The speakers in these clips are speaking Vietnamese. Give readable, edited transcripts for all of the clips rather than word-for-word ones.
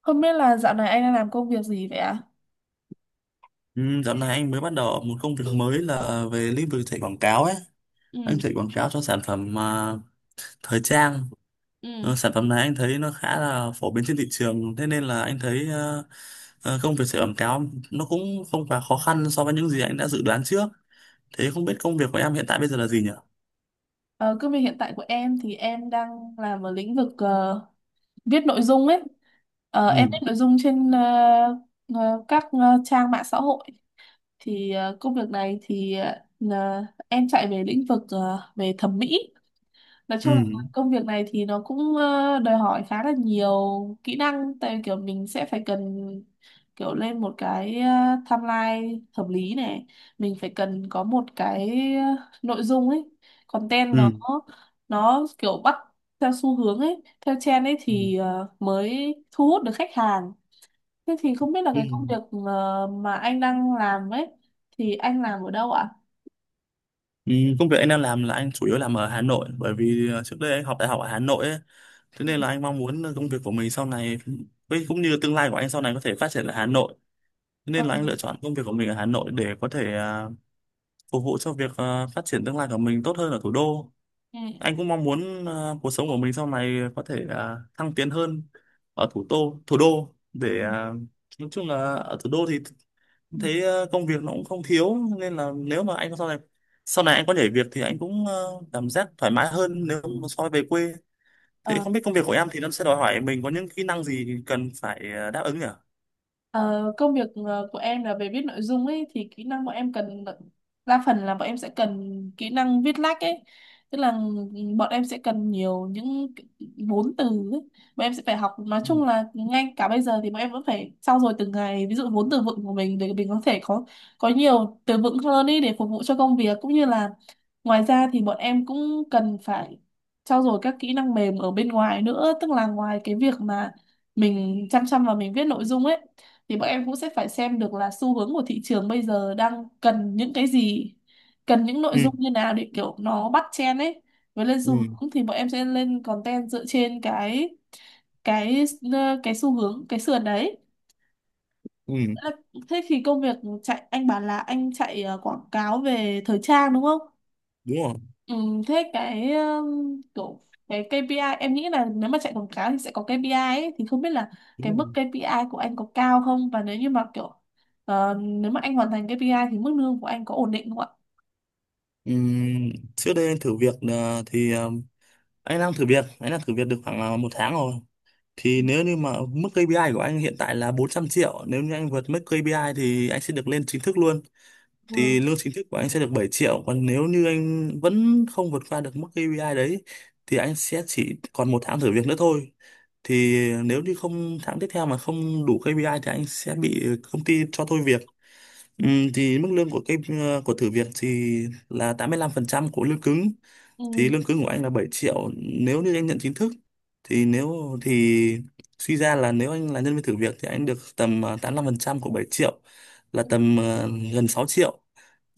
Không biết là dạo này anh đang làm công việc gì vậy ạ? Ừ, dạo này anh mới bắt đầu một công việc mới là về lĩnh vực chạy quảng cáo ấy. Anh Ừ. chạy quảng cáo cho sản phẩm thời trang. Ừ. Sản phẩm này anh thấy nó khá là phổ biến trên thị trường. Thế nên là anh thấy công việc chạy quảng cáo nó cũng không quá khó khăn so với những gì anh đã dự đoán trước. Thế không biết công việc của em hiện tại bây giờ là gì nhỉ? Ờ, Công việc hiện tại của em thì em đang làm ở lĩnh vực viết nội dung ấy. Ờ, em viết Ừ, nội dung trên ờ, các ờ, trang mạng xã hội. Thì công việc này thì là em chạy về lĩnh vực về thẩm mỹ. Nói ừ, chung là công việc này thì nó cũng đòi hỏi khá là nhiều kỹ năng, tại vì kiểu mình sẽ phải cần kiểu lên một cái timeline hợp lý này, mình phải cần có một cái ờ, nội dung ấy, content nó ừ, nó kiểu bắt theo xu hướng ấy, theo trend ấy, ừ. thì mới thu hút được khách hàng. Thế thì không biết là Ừ. cái công việc mà anh đang làm ấy, thì anh làm ở đâu ạ? Ừ, công việc anh đang làm là anh chủ yếu làm ở Hà Nội, bởi vì trước đây anh học đại học ở Hà Nội ấy, thế nên là anh mong muốn công việc của mình sau này, với cũng như tương lai của anh sau này có thể phát triển ở Hà Nội. Thế Ờ. nên là anh lựa chọn công việc của mình ở Hà Nội để có thể phục vụ cho việc phát triển tương lai của mình tốt hơn ở thủ đô. Ừ. Anh cũng mong muốn cuộc sống của mình sau này có thể thăng tiến hơn ở thủ đô để nói chung là ở thủ đô thì Ừ. thấy công việc nó cũng không thiếu, nên là nếu mà anh sau này anh có nhảy việc thì anh cũng cảm giác thoải mái hơn nếu mà so với về quê. Thế Ừ. không biết công việc của em thì nó sẽ đòi hỏi mình có những kỹ năng gì cần phải đáp ứng nhỉ? Ờ, Công việc của em là về viết nội dung ấy, thì kỹ năng bọn em cần đa phần là bọn em sẽ cần kỹ năng viết lách ấy, tức là bọn em sẽ cần nhiều những cái vốn từ ấy. Bọn em sẽ phải học, nói Ừ. chung là ngay cả bây giờ thì bọn em vẫn phải trau dồi từng ngày ví dụ vốn từ vựng của mình để mình có thể có nhiều từ vựng hơn ấy để phục vụ cho công việc, cũng như là ngoài ra thì bọn em cũng cần phải trau dồi các kỹ năng mềm ở bên ngoài nữa, tức là ngoài cái việc mà mình chăm chăm vào mình viết nội dung ấy, thì bọn em cũng sẽ phải xem được là xu hướng của thị trường bây giờ đang cần những cái gì, cần những nội Ừ. dung như nào để kiểu nó bắt trend ấy, với lên xu Ừ. hướng, thì bọn em sẽ lên content dựa trên cái cái xu hướng, cái sườn đấy. Ừ, Thế là- Thế thì công việc chạy, anh bảo là anh chạy quảng cáo về thời trang đúng không? đúng rồi, Ừ, thế cái kiểu cái KPI, em nghĩ là nếu mà chạy quảng cáo thì sẽ có KPI ấy, thì không biết là cái đúng mức rồi. KPI của anh có cao không, và nếu như mà kiểu nếu mà anh hoàn thành KPI thì mức lương của anh có ổn định không ạ? Ừm, Trước đây anh thử việc thì anh đang thử việc được khoảng 1 tháng rồi, thì nếu như mà mức KPI của anh hiện tại là 400 triệu, nếu như anh vượt mức KPI thì anh sẽ được lên chính thức luôn. Ừ. Thì lương chính thức của anh sẽ được 7 triệu, còn nếu như anh vẫn không vượt qua được mức KPI đấy thì anh sẽ chỉ còn 1 tháng thử việc nữa thôi. Thì nếu như không, tháng tiếp theo mà không đủ KPI thì anh sẽ bị công ty cho thôi việc. Thì mức lương của cái của thử việc thì là 85% của lương cứng. Thì Ừ. lương cứng của anh là 7 triệu nếu như anh nhận chính thức, thì nếu thì suy ra là nếu anh là nhân viên thử việc thì anh được tầm 85% của 7 triệu, là tầm gần 6 triệu.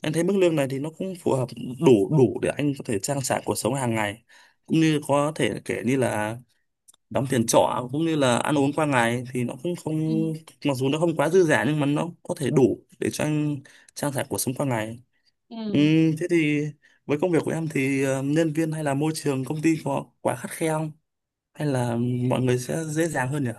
Anh thấy mức lương này thì nó cũng phù hợp, đủ đủ để anh có thể trang trải cuộc sống hàng ngày, cũng như có thể kể như là đóng tiền trọ cũng như là ăn uống qua ngày, thì nó cũng Ừ. không mặc dù nó không quá dư dả nhưng mà nó có thể đủ để cho anh trang trải cuộc sống qua ngày. Ừ. Thế thì với công việc của em thì nhân viên hay là môi trường công ty có quá khắt khe không, hay là mọi người sẽ dễ dàng hơn nhỉ?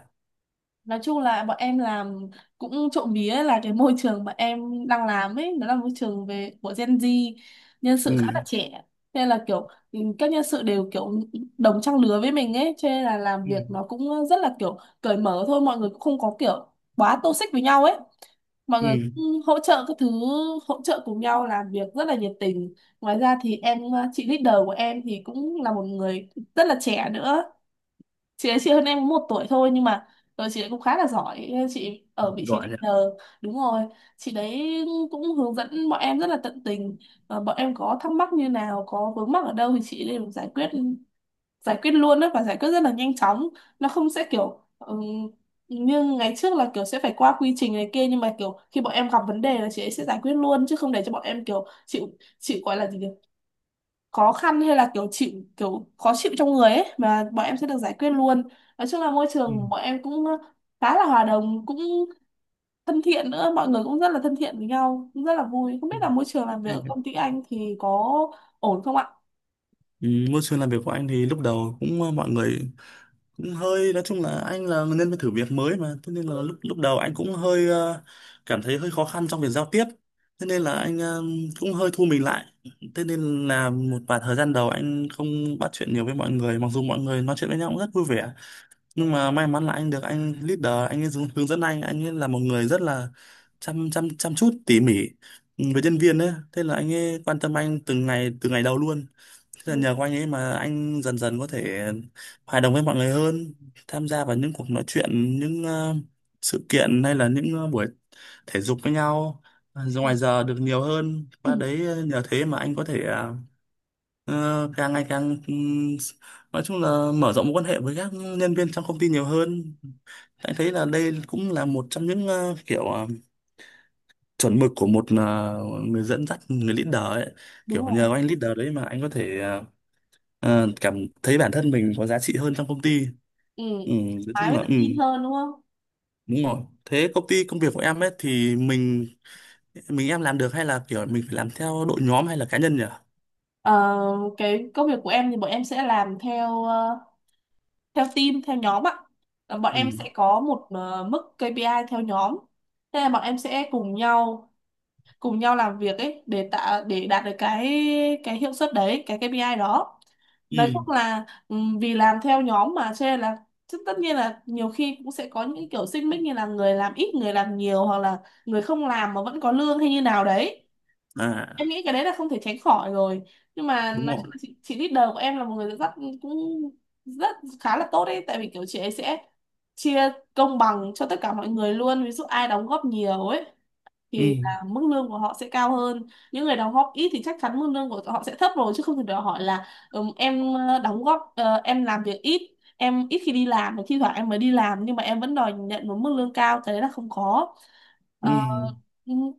Nói chung là bọn em làm cũng trộm vía là cái môi trường bọn em đang làm ấy nó là môi trường về của Gen Z, nhân Ừ. sự khá là trẻ, nên là kiểu ừ, các nhân sự đều kiểu đồng trang lứa với mình ấy, cho nên là làm Ừ. việc nó cũng rất là kiểu cởi mở thôi, mọi người cũng không có kiểu quá toxic với nhau ấy, mọi người Ừ. cũng hỗ trợ các thứ, hỗ trợ cùng nhau làm việc rất là nhiệt tình. Ngoài ra thì em, chị leader của em thì cũng là một người rất là trẻ nữa, chị ấy chị hơn em một tuổi thôi nhưng mà rồi chị ấy cũng khá là giỏi, chị ở vị trí Gọi nhỉ? leader, đúng rồi, chị đấy cũng hướng dẫn bọn em rất là tận tình. Ờ, bọn em có thắc mắc như nào, có vướng mắc ở đâu thì chị đều giải quyết, giải quyết luôn đó và giải quyết rất là nhanh chóng, nó không sẽ kiểu như ngày trước là kiểu sẽ phải qua quy trình này kia, nhưng mà kiểu khi bọn em gặp vấn đề là chị ấy sẽ giải quyết luôn chứ không để cho bọn em kiểu chịu, chịu gọi là gì nhỉ? Khó khăn hay là kiểu chịu kiểu khó chịu trong người ấy, mà bọn em sẽ được giải quyết luôn. Nói chung là môi Ừ. trường của bọn em cũng khá là hòa đồng, cũng thân thiện nữa, mọi người cũng rất là thân thiện với nhau, cũng rất là vui. Không biết là môi trường làm việc ở Ừ. công ty anh thì có ổn không ạ? Ừ, môi trường làm việc của anh thì lúc đầu cũng mọi người cũng hơi, nói chung là anh là nên phải thử việc mới mà, thế nên là lúc lúc đầu anh cũng hơi cảm thấy hơi khó khăn trong việc giao tiếp, thế nên là anh cũng hơi thu mình lại, thế nên là một vài thời gian đầu anh không bắt chuyện nhiều với mọi người, mặc dù mọi người nói chuyện với nhau cũng rất vui vẻ. Nhưng mà may mắn là anh được anh leader, anh ấy hướng hướng dẫn anh ấy là một người rất là chăm chăm chăm chút tỉ mỉ với nhân viên ấy, thế là anh ấy quan tâm anh từng ngày, từ ngày đầu luôn. Thế là Ừ. nhờ có anh ấy mà anh dần dần có thể hòa đồng với mọi người hơn, tham gia vào những cuộc nói chuyện, những sự kiện hay là những buổi thể dục với nhau, ra Ừ. ngoài giờ được nhiều hơn. Ừ. Qua đấy nhờ thế mà anh có thể càng ngày càng nói chung là mở rộng mối quan hệ với các nhân viên trong công ty nhiều hơn. Anh thấy là đây cũng là một trong những kiểu chuẩn mực của một người dẫn dắt, người leader ấy, Đúng kiểu rồi. nhờ anh leader đấy mà anh có thể cảm thấy bản thân mình có giá trị hơn trong công ty. Ừ. Ừ, nói Mái chung mới là, tự ừ, tin hơn đúng không? đúng rồi. Thế công việc của em ấy thì mình em làm được hay là kiểu mình phải làm theo đội nhóm hay là cá nhân nhỉ? Ờ, cái công việc của em thì bọn em sẽ làm theo theo team, theo nhóm ạ. Ờ, bọn Ừ. em sẽ có một mức KPI theo nhóm. Thế là bọn em sẽ cùng nhau làm việc ấy để tạo, để đạt được cái hiệu suất đấy, cái KPI đó. Nói Ừ. chung là vì làm theo nhóm mà cho nên là, chứ tất nhiên là nhiều khi cũng sẽ có những kiểu xích mích như là người làm ít người làm nhiều, hoặc là người không làm mà vẫn có lương hay như nào đấy, em À, nghĩ cái đấy là không thể tránh khỏi rồi. Nhưng mà đúng nói rồi. chung là chị leader của em là một người rất, cũng rất khá là tốt đấy, tại vì kiểu chị ấy sẽ chia công bằng cho tất cả mọi người luôn, ví dụ ai đóng góp nhiều ấy Ừ. thì là mức lương của họ sẽ cao hơn, những người đóng góp ít thì chắc chắn mức lương của họ sẽ thấp rồi, chứ không thể đòi hỏi là em đóng góp, em làm việc ít, em ít khi đi làm, thi thoảng em mới đi làm nhưng mà em vẫn đòi nhận một mức lương cao, cái đấy là không có. Ờ, Ừ. ừm,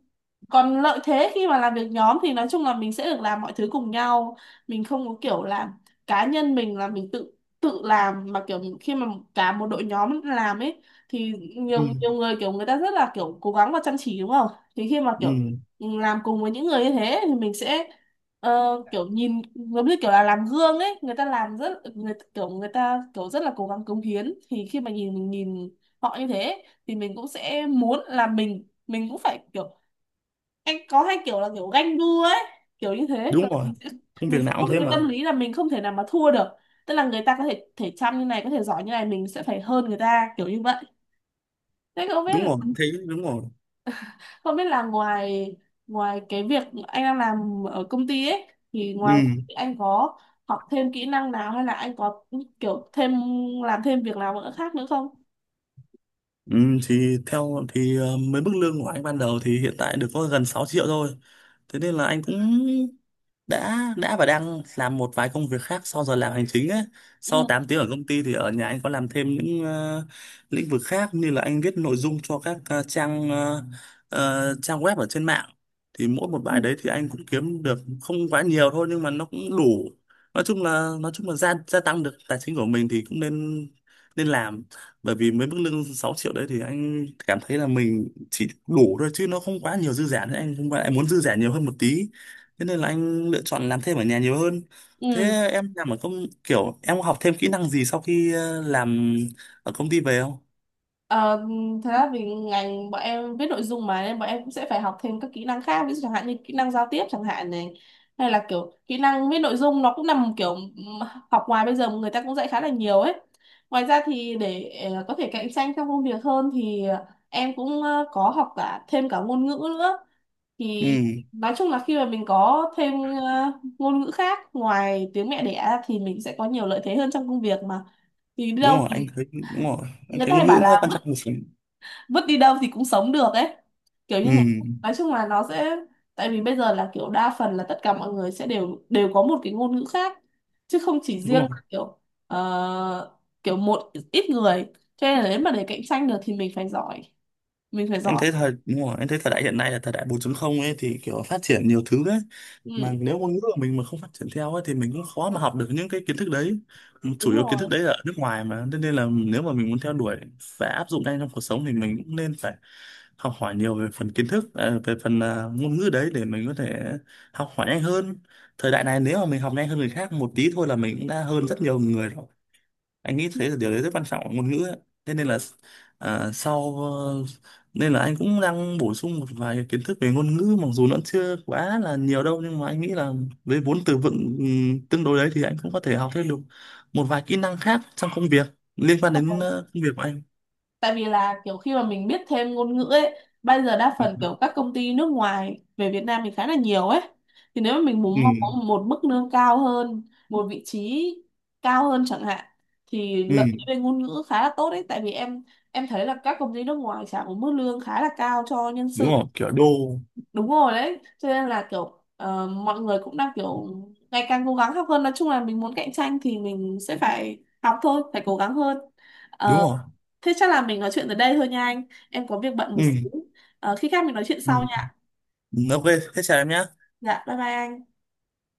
Còn lợi thế khi mà làm việc nhóm thì nói chung là mình sẽ được làm mọi thứ cùng nhau, mình không có kiểu là cá nhân mình là mình tự tự làm, mà kiểu khi mà cả một đội nhóm làm ấy thì Ừ. nhiều nhiều người kiểu người ta rất là kiểu cố gắng và chăm chỉ đúng không, thì khi mà kiểu Ừ, làm cùng với những người như thế thì mình sẽ kiểu nhìn giống như kiểu là làm gương ấy, người ta làm rất, người kiểu người ta kiểu rất là cố gắng cống hiến, thì khi mà nhìn, mình nhìn họ như thế thì mình cũng sẽ muốn là mình cũng phải kiểu, anh có hai kiểu là kiểu ganh đua ấy, kiểu như thế là đúng rồi. mình sẽ, Công mình việc sẽ nào có cũng, một thế cái mà. tâm lý là mình không thể nào mà thua được, tức là người ta có thể thể chăm như này, có thể giỏi như này, mình sẽ phải hơn người ta kiểu như vậy. Thế không biết, Đúng rồi, thế đúng rồi. không biết là ngoài ngoài cái việc anh đang làm ở công ty ấy, thì ngoài, Ừ. anh có học thêm kỹ năng nào hay là anh có kiểu thêm, làm thêm việc nào nữa khác nữa không? Ừ, thì theo thì mấy mức lương của anh ban đầu thì hiện tại được có gần 6 triệu thôi. Thế nên là anh cũng đã và đang làm một vài công việc khác sau giờ làm hành chính ấy. Ừ. Sau 8 tiếng ở công ty thì ở nhà anh có làm thêm những lĩnh vực khác, như là anh viết nội dung cho các trang web ở trên mạng. Thì mỗi một Ừ. bài đấy thì anh cũng kiếm được không quá nhiều thôi, nhưng mà nó cũng đủ. Nói chung là gia gia tăng được tài chính của mình thì cũng nên nên làm, bởi vì với mức lương 6 triệu đấy thì anh cảm thấy là mình chỉ đủ thôi chứ nó không quá nhiều dư giả nữa, anh không phải, anh muốn dư giả nhiều hơn một tí, thế nên là anh lựa chọn làm thêm ở nhà nhiều hơn. Thế Ừ. em làm ở công kiểu em có học thêm kỹ năng gì sau khi làm ở công ty về không? Ờ, thật ra vì ngành bọn em viết nội dung mà nên bọn em cũng sẽ phải học thêm các kỹ năng khác, ví dụ chẳng hạn như kỹ năng giao tiếp chẳng hạn này, hay là kiểu kỹ năng viết nội dung nó cũng nằm kiểu học ngoài bây giờ người ta cũng dạy khá là nhiều ấy. Ngoài ra thì để có thể cạnh tranh trong công việc hơn thì em cũng có học cả thêm cả ngôn ngữ nữa, thì Ừ, nói chung là khi mà mình có thêm ờ, ngôn ngữ khác ngoài tiếng mẹ đẻ thì mình sẽ có nhiều lợi thế hơn trong công việc mà, thì đi đâu thì đúng rồi, anh người thấy ta hay ngôn ngữ bảo nó là quan trọng một phần. vứt đi đâu thì cũng sống được ấy, kiểu như Ừ, thế. Nói chung là nó sẽ, tại vì bây giờ là kiểu đa phần là tất cả mọi người sẽ đều đều có một cái ngôn ngữ khác, chứ không chỉ đúng riêng rồi, là kiểu ờ, kiểu một ít người, cho nên là nếu mà để cạnh tranh được thì mình phải giỏi, mình phải em giỏi. thấy thời đúng rồi, em thấy thời đại hiện nay là thời đại 4 không ấy, thì kiểu phát triển nhiều thứ đấy, mà Ừ, nếu ngôn ngữ của mình mà không phát triển theo ấy thì mình cũng khó mà học được những cái kiến thức đấy, chủ đúng yếu kiến rồi. thức đấy là ở nước ngoài mà. Thế nên là nếu mà mình muốn theo đuổi và áp dụng ngay trong cuộc sống thì mình cũng nên phải học hỏi nhiều về phần kiến thức, về phần ngôn ngữ đấy, để mình có thể học hỏi nhanh hơn. Thời đại này nếu mà mình học nhanh hơn người khác một tí thôi là mình cũng đã hơn rất nhiều người rồi, anh nghĩ thế là điều đấy rất quan trọng ở ngôn ngữ ấy. Thế nên là à, sau ờ, nên là anh cũng đang bổ sung một vài kiến thức về ngôn ngữ, mặc dù nó chưa quá là nhiều đâu, nhưng mà anh nghĩ là với vốn từ vựng tương đối đấy thì anh cũng có thể học thêm được một vài kỹ năng khác trong công việc liên quan Đúng đến rồi. Công việc của anh. Tại vì là kiểu khi mà mình biết thêm ngôn ngữ ấy, bây giờ đa Ừ. phần kiểu các công ty nước ngoài về Việt Nam mình khá là nhiều ấy, thì nếu mà mình muốn Ừ. mong có một mức lương cao hơn, một vị trí cao hơn chẳng hạn, thì lợi Ừ, thế về ngôn ngữ khá là tốt đấy, tại vì em thấy là các công ty nước ngoài trả một mức lương khá là cao cho nhân đúng sự, rồi, kiểu đô đúng rồi đấy, cho nên là kiểu mọi người cũng đang kiểu ngày càng cố gắng học hơn, nói chung là mình muốn cạnh tranh thì mình sẽ phải học thôi, phải cố gắng hơn. đúng Ờ. rồi. Thế chắc là mình nói chuyện tới đây thôi nha anh. Em có việc bận một Ừ. xíu. Ờ, khi khác mình nói chuyện Ừ. sau nha. OK. Thế chào em nhé. Dạ, bye bye anh.